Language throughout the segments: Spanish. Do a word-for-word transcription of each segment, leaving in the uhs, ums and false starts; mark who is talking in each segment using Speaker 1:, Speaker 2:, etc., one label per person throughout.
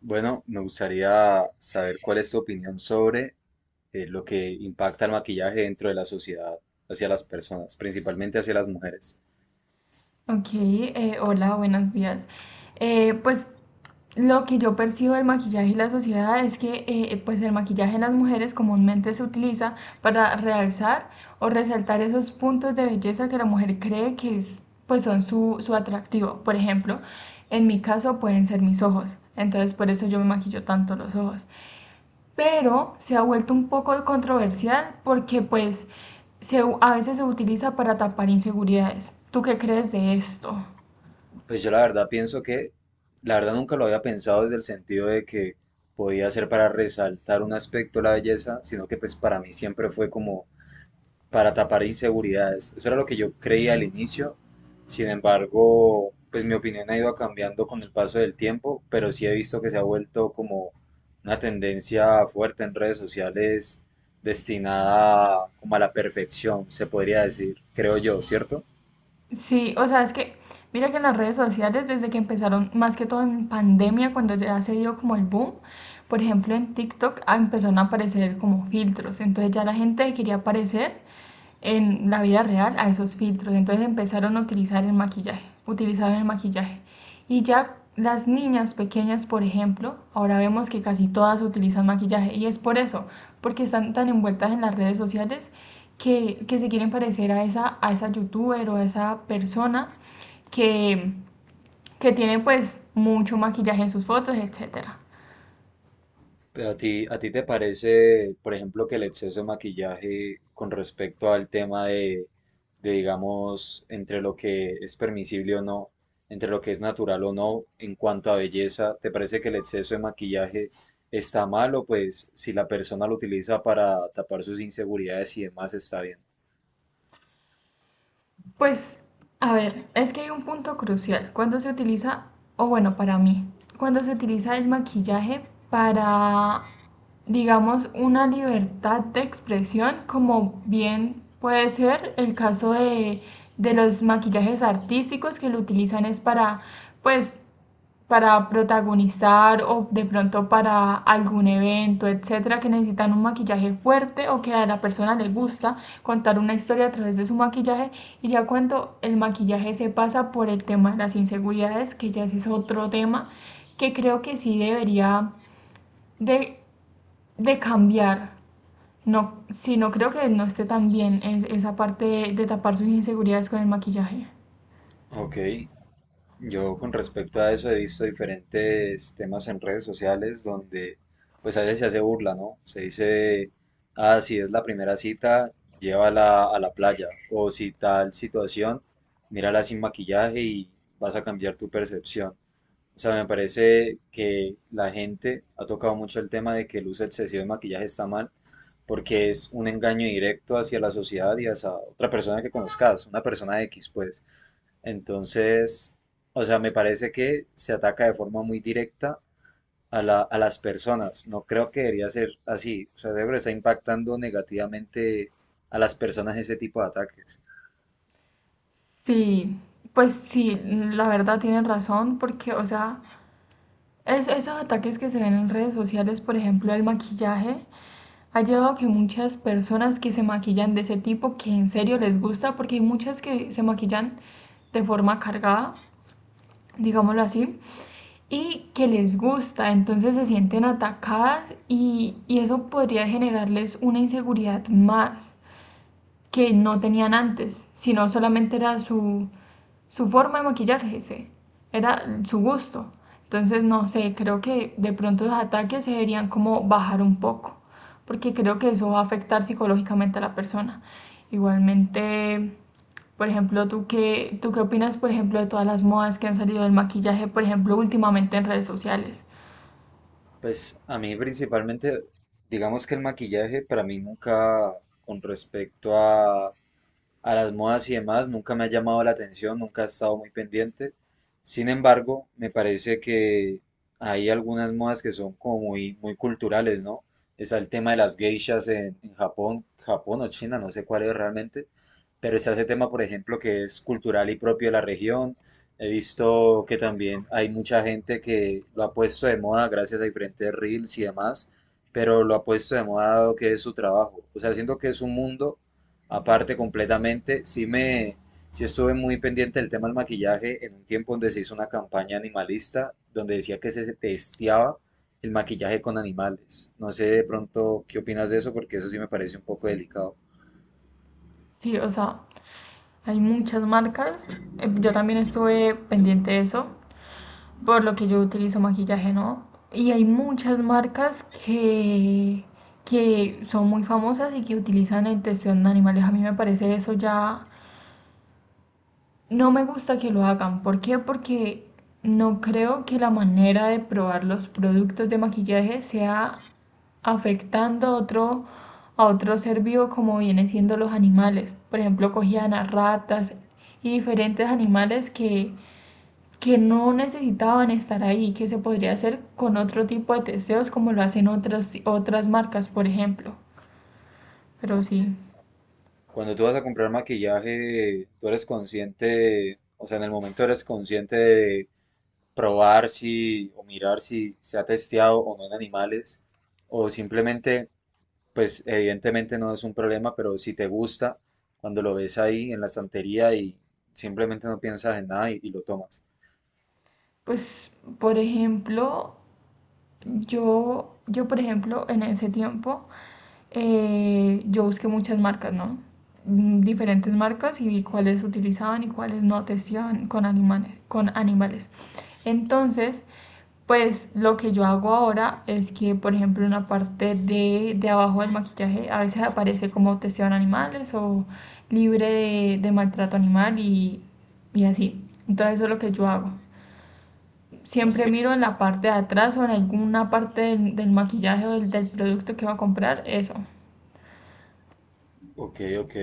Speaker 1: Bueno, me gustaría saber cuál es tu opinión sobre eh, lo que impacta el maquillaje dentro de la sociedad hacia las personas, principalmente hacia las mujeres.
Speaker 2: Ok, eh, hola, buenos días. Eh, pues lo que yo percibo del maquillaje y la sociedad es que eh, pues el maquillaje en las mujeres comúnmente se utiliza para realzar o resaltar esos puntos de belleza que la mujer cree que es, pues son su, su atractivo. Por ejemplo, en mi caso pueden ser mis ojos, entonces por eso yo me maquillo tanto los ojos. Pero se ha vuelto un poco controversial porque pues se, u- a veces se utiliza para tapar inseguridades. ¿Tú qué crees de esto?
Speaker 1: Pues yo la verdad pienso que, la verdad nunca lo había pensado desde el sentido de que podía ser para resaltar un aspecto de la belleza, sino que pues para mí siempre fue como para tapar inseguridades. Eso era lo que yo creía al inicio. Sin embargo, pues mi opinión ha ido cambiando con el paso del tiempo, pero sí he visto que se ha vuelto como una tendencia fuerte en redes sociales destinada como a la perfección, se podría decir, creo yo, ¿cierto?
Speaker 2: Sí, o sea, es que mira que en las redes sociales, desde que empezaron, más que todo en pandemia, cuando ya se dio como el boom, por ejemplo en TikTok ah, empezaron a aparecer como filtros, entonces ya la gente quería aparecer en la vida real a esos filtros, entonces empezaron a utilizar el maquillaje, utilizaron el maquillaje. Y ya las niñas pequeñas, por ejemplo, ahora vemos que casi todas utilizan maquillaje y es por eso, porque están tan envueltas en las redes sociales que, que se quieren parecer a esa, a esa youtuber o a esa persona que, que tiene pues mucho maquillaje en sus fotos, etcétera.
Speaker 1: Pero a ti, ¿a ti te parece, por ejemplo, que el exceso de maquillaje con respecto al tema de, de, digamos, entre lo que es permisible o no, entre lo que es natural o no, en cuanto a belleza, te parece que el exceso de maquillaje está mal o pues si la persona lo utiliza para tapar sus inseguridades y demás está bien?
Speaker 2: Pues, a ver, es que hay un punto crucial. Cuando se utiliza, o bueno, para mí, cuando se utiliza el maquillaje para, digamos, una libertad de expresión, como bien puede ser el caso de, de los maquillajes artísticos que lo utilizan es para, pues, para protagonizar o de pronto para algún evento, etcétera, que necesitan un maquillaje fuerte o que a la persona le gusta contar una historia a través de su maquillaje. Y ya cuando el maquillaje se pasa por el tema de las inseguridades, que ya ese es otro tema que creo que sí debería de, de cambiar. No, sí, no creo que no esté tan bien esa parte de, de tapar sus inseguridades con el maquillaje.
Speaker 1: Ok, yo con respecto a eso he visto diferentes temas en redes sociales donde pues a veces se hace burla, ¿no? Se dice, ah, si es la primera cita, llévala a la playa. O si tal situación, mírala sin maquillaje y vas a cambiar tu percepción. O sea, me parece que la gente ha tocado mucho el tema de que el uso excesivo de maquillaje está mal, porque es un engaño directo hacia la sociedad y hacia otra persona que conozcas, una persona X, pues. Entonces, o sea, me parece que se ataca de forma muy directa a la- a las personas. No creo que debería ser así. O sea, debe estar impactando negativamente a las personas ese tipo de ataques.
Speaker 2: Sí, pues sí, la verdad tienen razón, porque, o sea, Es- esos ataques que se ven en redes sociales, por ejemplo, el maquillaje, ha llevado a que muchas personas que se maquillan de ese tipo, que en serio les gusta, porque hay muchas que se maquillan de forma cargada, digámoslo así, y que les gusta, entonces se sienten atacadas y, y eso podría generarles una inseguridad más que no tenían antes, sino solamente era su, su forma de maquillarse, sí, era su gusto. Entonces, no sé, creo que de pronto los ataques se deberían como bajar un poco, porque creo que eso va a afectar psicológicamente a la persona. Igualmente, por ejemplo, ¿tú qué, tú qué opinas, por ejemplo, de todas las modas que han salido del maquillaje, por ejemplo, últimamente en redes sociales?
Speaker 1: Pues a mí principalmente, digamos que el maquillaje para mí nunca, con respecto a, a las modas y demás, nunca me ha llamado la atención, nunca he estado muy pendiente. Sin embargo, me parece que hay algunas modas que son como muy, muy culturales, ¿no? Está el tema de las geishas en, en Japón, Japón o China, no sé cuál es realmente, pero está ese tema, por ejemplo, que es cultural y propio de la región. He visto que también hay mucha gente que lo ha puesto de moda gracias a diferentes reels y demás, pero lo ha puesto de moda dado que es su trabajo. O sea, siento que es un mundo aparte completamente, sí me, sí estuve muy pendiente del tema del maquillaje en un tiempo donde se hizo una campaña animalista donde decía que se testeaba el maquillaje con animales. No sé de pronto qué opinas de eso porque eso sí me parece un poco delicado.
Speaker 2: Sí, o sea, hay muchas marcas. eh, Yo también estuve pendiente de eso, por lo que yo utilizo maquillaje, ¿no? Y hay muchas marcas que, que son muy famosas y que utilizan la intención de animales. A mí me parece eso ya... No me gusta que lo hagan. ¿Por qué? Porque no creo que la manera de probar los productos de maquillaje sea afectando otro, a otro ser vivo como vienen siendo los animales. Por ejemplo, cogían a ratas y diferentes animales que que no necesitaban estar ahí, que se podría hacer con otro tipo de testeos como lo hacen otras, otras marcas, por ejemplo. Pero
Speaker 1: Ok.
Speaker 2: sí,
Speaker 1: Cuando tú vas a comprar maquillaje, tú eres consciente, o sea, en el momento eres consciente de probar si o mirar si se ha testeado o no en animales, o simplemente pues evidentemente no es un problema, pero si te gusta, cuando lo ves ahí en la estantería y simplemente no piensas en nada y, y lo tomas.
Speaker 2: pues, por ejemplo, Yo, yo, por ejemplo, en ese tiempo, eh, yo busqué muchas marcas, ¿no? Mm, Diferentes marcas y vi cuáles utilizaban y cuáles no testeaban con animales, con animales. Entonces, pues lo que yo hago ahora es que, por ejemplo, en la parte de, de abajo del maquillaje a veces aparece como testeaban animales o libre de, de maltrato animal y, y así. Entonces, eso es lo que yo hago,
Speaker 1: Ok.
Speaker 2: siempre miro en la parte de atrás o en alguna parte del, del maquillaje o del, del producto que va a comprar, eso.
Speaker 1: Ok, ok.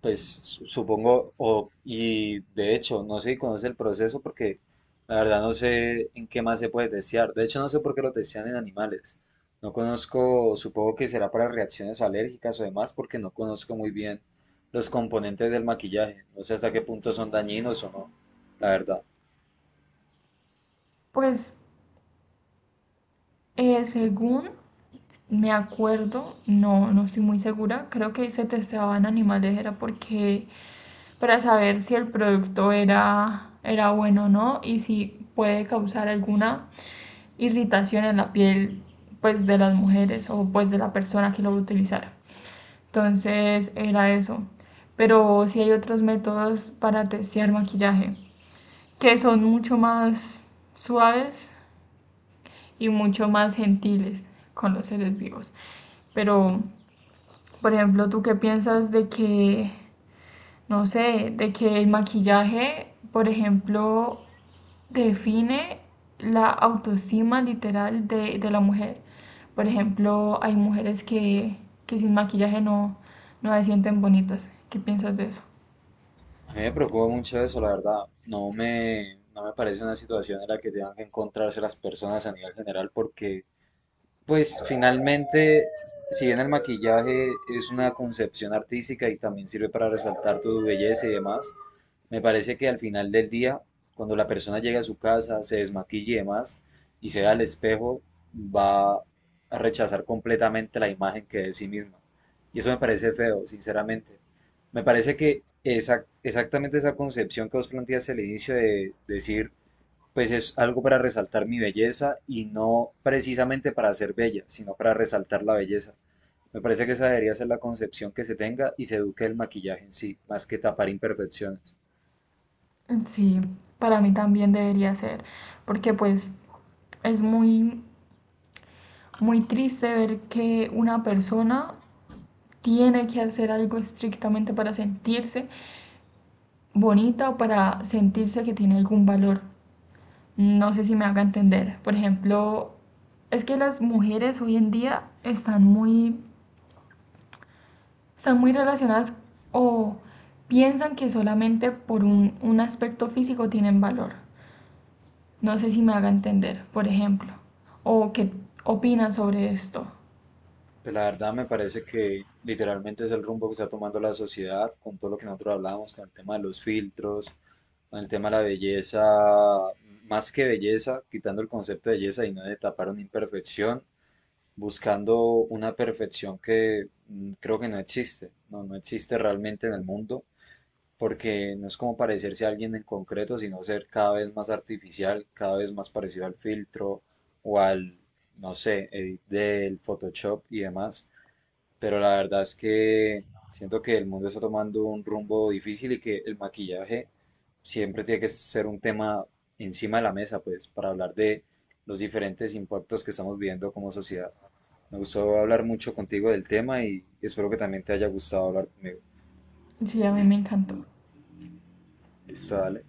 Speaker 1: Pues su- supongo, o, y de hecho, no sé si conoce el proceso porque la verdad no sé en qué más se puede testear. De hecho, no sé por qué lo testean en animales. No conozco, supongo que será para reacciones alérgicas o demás, porque no conozco muy bien los componentes del maquillaje. No sé hasta qué punto son dañinos o no, la verdad.
Speaker 2: Pues eh, según me acuerdo, no, no estoy muy segura, creo que se testeaban animales, era porque para saber si el producto era, era bueno o no y si puede causar alguna irritación en la piel pues de las mujeres o pues de la persona que lo va a utilizar. Entonces era eso. Pero sí hay otros métodos para testear maquillaje que son mucho más suaves y mucho más gentiles con los seres vivos. Pero, por ejemplo, ¿tú qué piensas de que no sé, de que el maquillaje, por ejemplo, define la autoestima literal de, de la mujer. Por ejemplo, hay mujeres que, que sin maquillaje no, no se sienten bonitas. ¿Qué piensas de eso?
Speaker 1: A mí me preocupa mucho eso, la verdad. No me, no me parece una situación en la que tengan que encontrarse las personas a nivel general porque pues finalmente, si bien el maquillaje es una concepción artística y también sirve para resaltar tu belleza y demás, me parece que al final del día, cuando la persona llega a su casa, se desmaquilla y demás, y se ve al espejo, va a rechazar completamente la imagen que es de sí misma. Y eso me parece feo, sinceramente. Me parece que esa- exactamente esa concepción que vos planteas al inicio de decir pues es algo para resaltar mi belleza y no precisamente para ser bella, sino para resaltar la belleza. Me parece que esa debería ser la concepción que se tenga y se eduque el maquillaje en sí, más que tapar imperfecciones.
Speaker 2: Sí, para mí también debería ser, porque pues es muy, muy triste ver que una persona tiene que hacer algo estrictamente para sentirse bonita o para sentirse que tiene algún valor. No sé si me haga entender. Por ejemplo, es que las mujeres hoy en día están muy, están muy relacionadas o piensan que solamente por un, un aspecto físico tienen valor. No sé si me haga entender, por ejemplo. O qué opinan sobre esto.
Speaker 1: Pues la verdad me parece que literalmente es el rumbo que está tomando la sociedad con todo lo que nosotros hablábamos, con el tema de los filtros, con el tema de la belleza, más que belleza, quitando el concepto de belleza y no de tapar una imperfección, buscando una perfección que mm, creo que no existe, no, no existe realmente en el mundo porque no es como parecerse a alguien en concreto, sino ser cada vez más artificial, cada vez más parecido al filtro o al, no sé, edit del Photoshop y demás. Pero la verdad es que siento que el mundo está tomando un rumbo difícil y que el maquillaje siempre tiene que ser un tema encima de la mesa, pues, para hablar de los diferentes impactos que estamos viviendo como sociedad. Me gustó hablar mucho contigo del tema y espero que también te haya gustado hablar conmigo.
Speaker 2: Sí, a mí me encantó.
Speaker 1: Listo, dale.